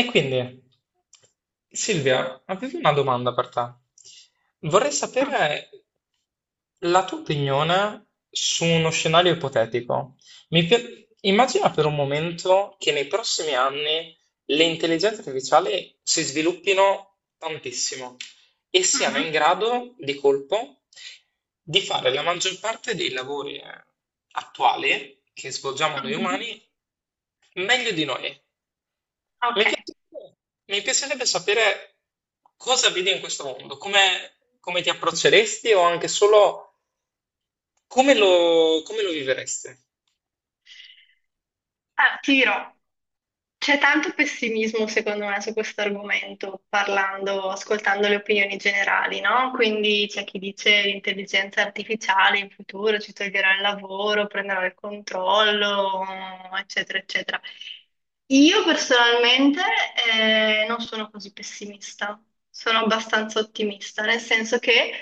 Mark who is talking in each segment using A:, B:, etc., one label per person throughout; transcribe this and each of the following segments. A: E quindi, Silvia, avevo una domanda per te. Vorrei
B: Mm,
A: sapere la tua opinione su uno scenario ipotetico. Immagina per un momento che nei prossimi anni le intelligenze artificiali si sviluppino tantissimo e siano
B: mhm,
A: in grado di colpo di fare la maggior parte dei lavori attuali che svolgiamo noi
B: mhm.
A: umani meglio di noi. Mi
B: Ok.
A: piacerebbe, mi piacerebbe sapere cosa vedi in questo mondo, come ti approcceresti o anche solo come lo viveresti.
B: Ah, ti dirò, c'è tanto pessimismo secondo me su questo argomento, parlando, ascoltando le opinioni generali, no? Quindi c'è chi dice l'intelligenza artificiale in futuro ci toglierà il lavoro, prenderà il controllo, eccetera, eccetera. Io personalmente non sono così pessimista, sono abbastanza ottimista, nel senso che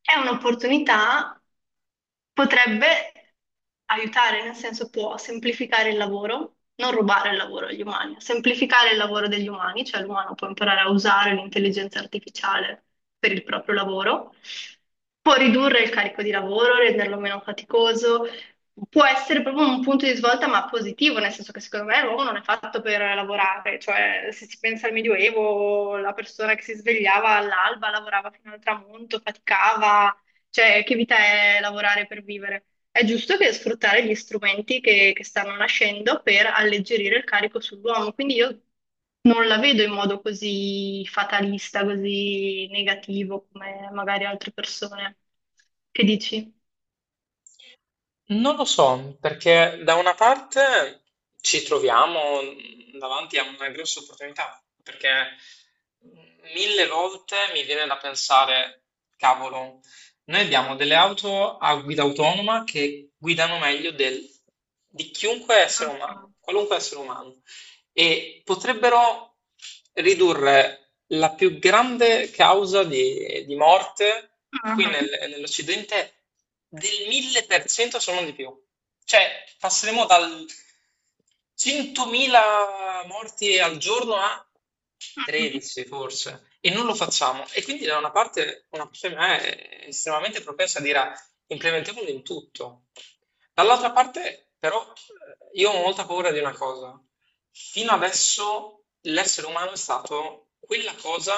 B: è un'opportunità, potrebbe aiutare, nel senso può semplificare il lavoro, non rubare il lavoro agli umani, semplificare il lavoro degli umani, cioè l'umano può imparare a usare l'intelligenza artificiale per il proprio lavoro, può ridurre il carico di lavoro, renderlo meno faticoso, può essere proprio un punto di svolta, ma positivo, nel senso che secondo me l'uomo non è fatto per lavorare, cioè se si pensa al Medioevo, la persona che si svegliava all'alba, lavorava fino al tramonto, faticava, cioè che vita è lavorare per vivere? È giusto che sfruttare gli strumenti che stanno nascendo per alleggerire il carico sull'uomo, quindi io non la vedo in modo così fatalista, così negativo come magari altre persone. Che dici?
A: Non lo so, perché da una parte ci troviamo davanti a una grossa opportunità, perché mille volte mi viene da pensare, cavolo, noi abbiamo delle auto a guida autonoma che guidano meglio di chiunque essere umano, qualunque essere umano. E potrebbero ridurre la più grande causa di morte qui
B: Mhm.
A: nell'Occidente del 1000%, se non di più. Cioè, passeremo dal 100.000 morti al giorno a
B: Mhm,
A: 13 forse, e non lo facciamo. E quindi da una parte di me è estremamente propensa a dire: "Ah, implementiamolo in tutto." Dall'altra parte, però, io ho molta paura di una cosa. Fino adesso l'essere umano è stato quella cosa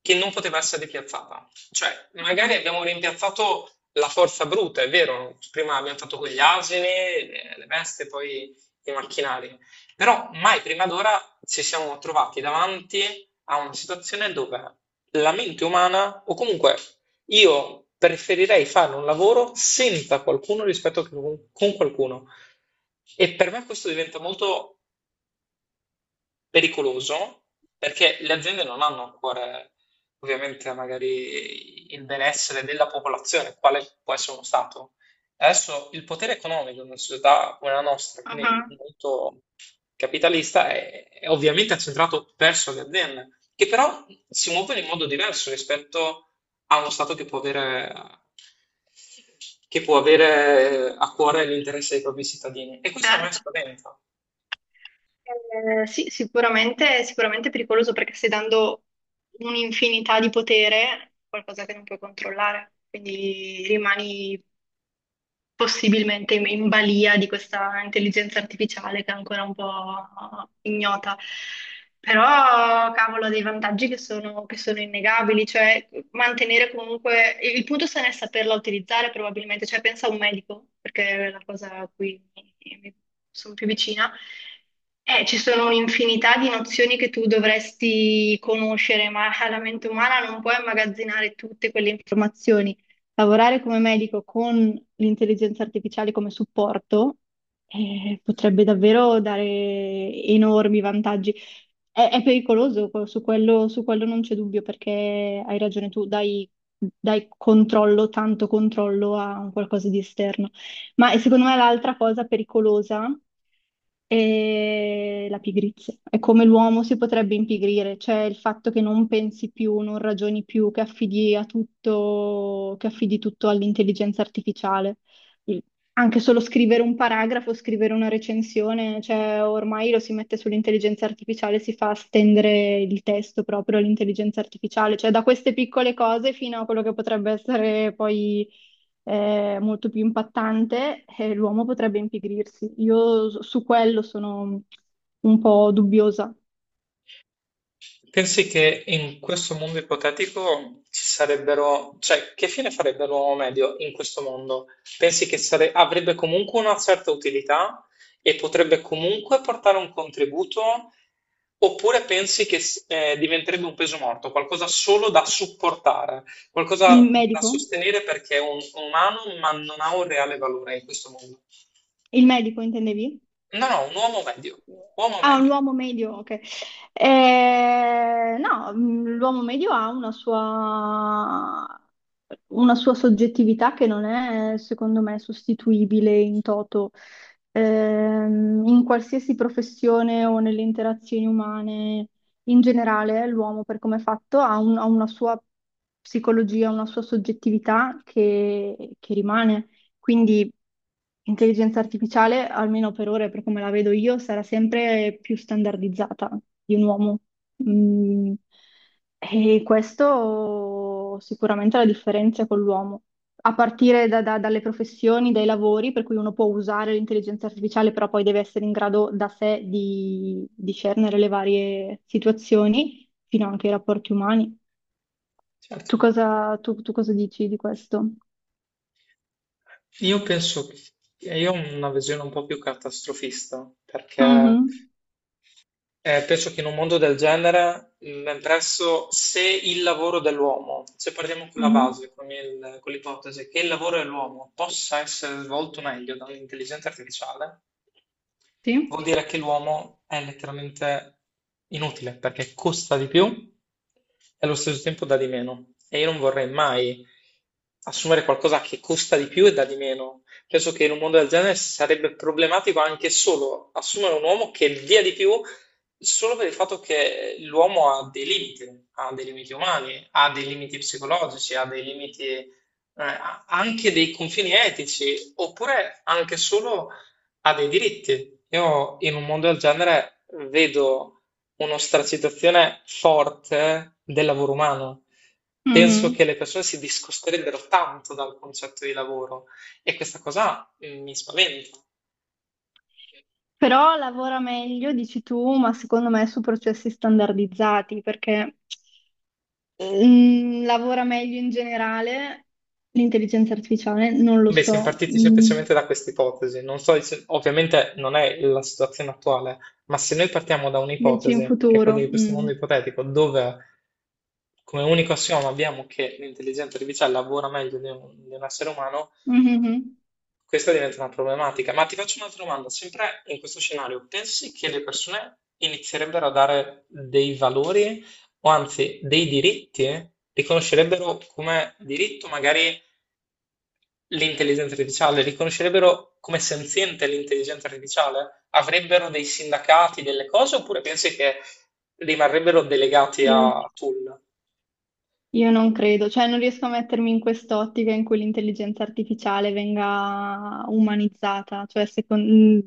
A: che non poteva essere rimpiazzata. Cioè, magari
B: mhm,
A: abbiamo rimpiazzato la forza bruta, è vero, prima abbiamo fatto con gli asini, le veste, poi i macchinari, però mai prima d'ora ci siamo trovati davanti a una situazione dove la mente umana, o comunque io preferirei fare un lavoro senza qualcuno rispetto che con qualcuno. E per me questo diventa molto pericoloso, perché le aziende non hanno ancora ovviamente magari il benessere della popolazione, quale può essere uno Stato. Adesso il potere economico in una società come la nostra, quindi
B: mhm,
A: molto capitalista, è ovviamente accentrato verso le aziende, che però si muovono in modo diverso rispetto a uno Stato che può avere a cuore l'interesse dei propri cittadini. E questo a me
B: certo.
A: spaventa.
B: Sì, sicuramente, sicuramente è pericoloso perché stai dando un'infinità di potere a qualcosa che non puoi controllare, quindi rimani possibilmente in balia di questa intelligenza artificiale che è ancora un po' ignota. Però, cavolo, ha dei vantaggi che sono innegabili, cioè mantenere comunque. Il punto sta nel saperla utilizzare probabilmente, cioè pensa a un medico, perché è la cosa a cui mi sono più vicina. Ci sono un'infinità di nozioni che tu dovresti conoscere, ma la mente umana non può immagazzinare tutte quelle informazioni. Lavorare come medico con l'intelligenza artificiale come supporto potrebbe davvero dare enormi vantaggi. È pericoloso, su quello, su quello, non c'è dubbio, perché hai ragione tu, dai, dai controllo, tanto controllo a un qualcosa di esterno. Ma e secondo me l'altra cosa pericolosa è la pigrizia. È come l'uomo si potrebbe impigrire, cioè il fatto che non pensi più, non ragioni più, che affidi a tutto, che affidi tutto all'intelligenza artificiale. Il- Anche solo scrivere un paragrafo, scrivere una recensione, cioè ormai lo si mette sull'intelligenza artificiale, si fa stendere il testo proprio all'intelligenza artificiale, cioè da queste piccole cose fino a quello che potrebbe essere poi molto più impattante, e l'uomo potrebbe impigrirsi. Io su quello sono un po' dubbiosa.
A: Pensi che in questo mondo ipotetico ci sarebbero, cioè, che fine farebbe l'uomo medio in questo mondo? Pensi che avrebbe comunque una certa utilità e potrebbe comunque portare un contributo? Oppure pensi che diventerebbe un peso morto, qualcosa solo da supportare,
B: Il
A: qualcosa da
B: medico?
A: sostenere perché è un umano ma non ha un reale valore in questo mondo?
B: Il medico intendevi?
A: No, no, un uomo
B: Ah, un
A: medio,
B: uomo medio, ok. No, l'uomo medio ha una sua soggettività che non è, secondo me, sostituibile in toto, in qualsiasi professione o nelle interazioni umane. In generale, l'uomo, per come è fatto, ha una sua psicologia, una sua soggettività che rimane. Quindi intelligenza artificiale, almeno per ora e per come la vedo io, sarà sempre più standardizzata di un uomo. Mm, E questo sicuramente è la differenza con l'uomo. A partire dalle professioni, dai lavori, per cui uno può usare l'intelligenza artificiale, però poi deve essere in grado da sé di discernere le varie situazioni, fino anche ai rapporti umani.
A: certo.
B: Tu cosa dici di questo?
A: Io penso, che io ho una visione un po' più catastrofista, perché
B: Mhm,
A: penso che in un mondo del genere, presso se il lavoro dell'uomo, se partiamo con la
B: mhm.
A: base, con con l'ipotesi che il lavoro dell'uomo possa essere svolto meglio dall'intelligenza artificiale, vuol
B: Sì?
A: dire che l'uomo è letteralmente inutile, perché costa di più e allo stesso tempo dà di meno. E io non vorrei mai assumere qualcosa che costa di più e dà di meno. Penso che in un mondo del genere sarebbe problematico anche solo assumere un uomo che dia di più. Solo per il fatto che l'uomo ha dei limiti umani, ha dei limiti psicologici, ha dei limiti, ha anche dei confini etici, oppure anche solo ha dei diritti. Io in un mondo del genere vedo un'ostracitazione forte del lavoro umano. Penso
B: Mhm.
A: che le persone si discosterebbero tanto dal concetto di lavoro e questa cosa mi spaventa.
B: Però lavora meglio, dici tu, ma secondo me su processi standardizzati, perché lavora meglio in generale l'intelligenza artificiale, non lo
A: Beh, siamo
B: so,
A: partiti
B: mm,
A: semplicemente da questa ipotesi. Non so, ovviamente non è la situazione attuale, ma se noi partiamo da
B: dici in
A: un'ipotesi, che è quella
B: futuro.
A: di questo
B: Mm.
A: mondo ipotetico, dove come unico assioma abbiamo che l'intelligenza artificiale lavora meglio di un essere umano,
B: Mhm.
A: questa diventa una problematica. Ma ti faccio un'altra domanda, sempre in questo scenario: pensi che le persone inizierebbero a dare dei valori o anzi dei diritti? Riconoscerebbero come diritto magari l'intelligenza artificiale, riconoscerebbero come senziente l'intelligenza artificiale? Avrebbero dei sindacati, delle cose, oppure pensi che rimarrebbero delegati
B: Io,
A: a tool?
B: io non credo, cioè non riesco a mettermi in quest'ottica in cui l'intelligenza artificiale venga umanizzata, cioè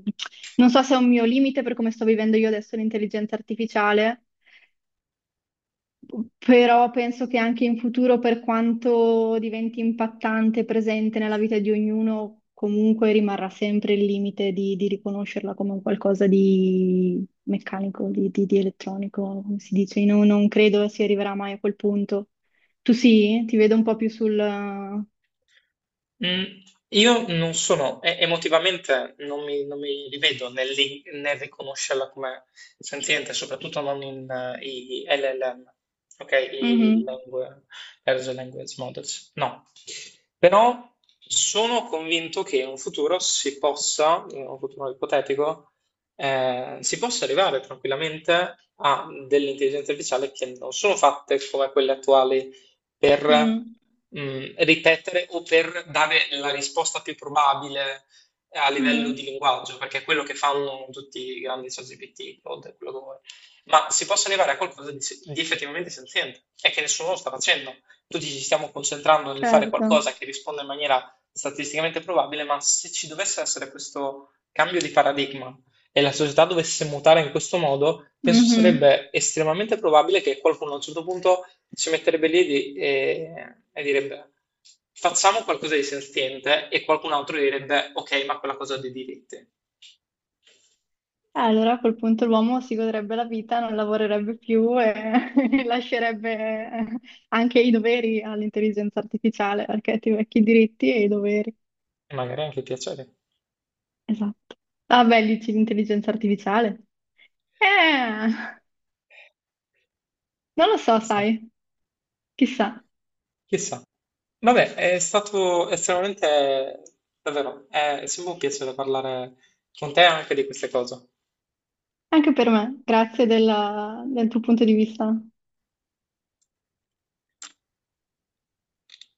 B: non so se è un mio limite per come sto vivendo io adesso l'intelligenza artificiale. Però penso che anche in futuro, per quanto diventi impattante e presente nella vita di ognuno, comunque rimarrà sempre il limite di, riconoscerla come un qualcosa di meccanico, di elettronico, come si dice. Io non credo si arriverà mai a quel punto. Tu sì? Ti vedo un po' più sul...
A: Mm, io non sono, emotivamente non mi rivedo nel, nel riconoscerla come senziente, soprattutto non in i LLM, ok?
B: Mhm,
A: Large Language Models, no. Però sono convinto che in un futuro si possa, in un futuro ipotetico, si possa arrivare tranquillamente a delle intelligenze artificiali che non sono fatte come quelle attuali per
B: mm,
A: ripetere o per dare la risposta più probabile a livello di
B: mm,
A: linguaggio, perché è quello che fanno tutti i grandi ChatGPT, Claude, quello che vuoi. Ma si possa arrivare a qualcosa di, di effettivamente senziente, e che nessuno lo sta facendo. Tutti ci stiamo concentrando nel fare
B: certo.
A: qualcosa che risponda in maniera statisticamente probabile, ma se ci dovesse essere questo cambio di paradigma e la società dovesse mutare in questo modo, penso
B: Mhm.
A: sarebbe estremamente probabile che qualcuno a un certo punto si metterebbe lì e direbbe: facciamo qualcosa di sentiente e qualcun altro direbbe ok, ma quella cosa ha dei diritti. E
B: Allora a quel punto l'uomo si godrebbe la vita, non lavorerebbe più e lascerebbe eh, anche i doveri all'intelligenza artificiale, perché ti vecchi i diritti e i doveri.
A: magari anche piacere,
B: Esatto. Ah, beh, dici l'intelligenza artificiale? Eh, Non lo so,
A: chissà,
B: sai, chissà.
A: chissà. Vabbè, è stato estremamente, davvero, è sempre un piacere parlare con te anche di queste cose.
B: Anche per me, grazie della- del tuo punto di vista.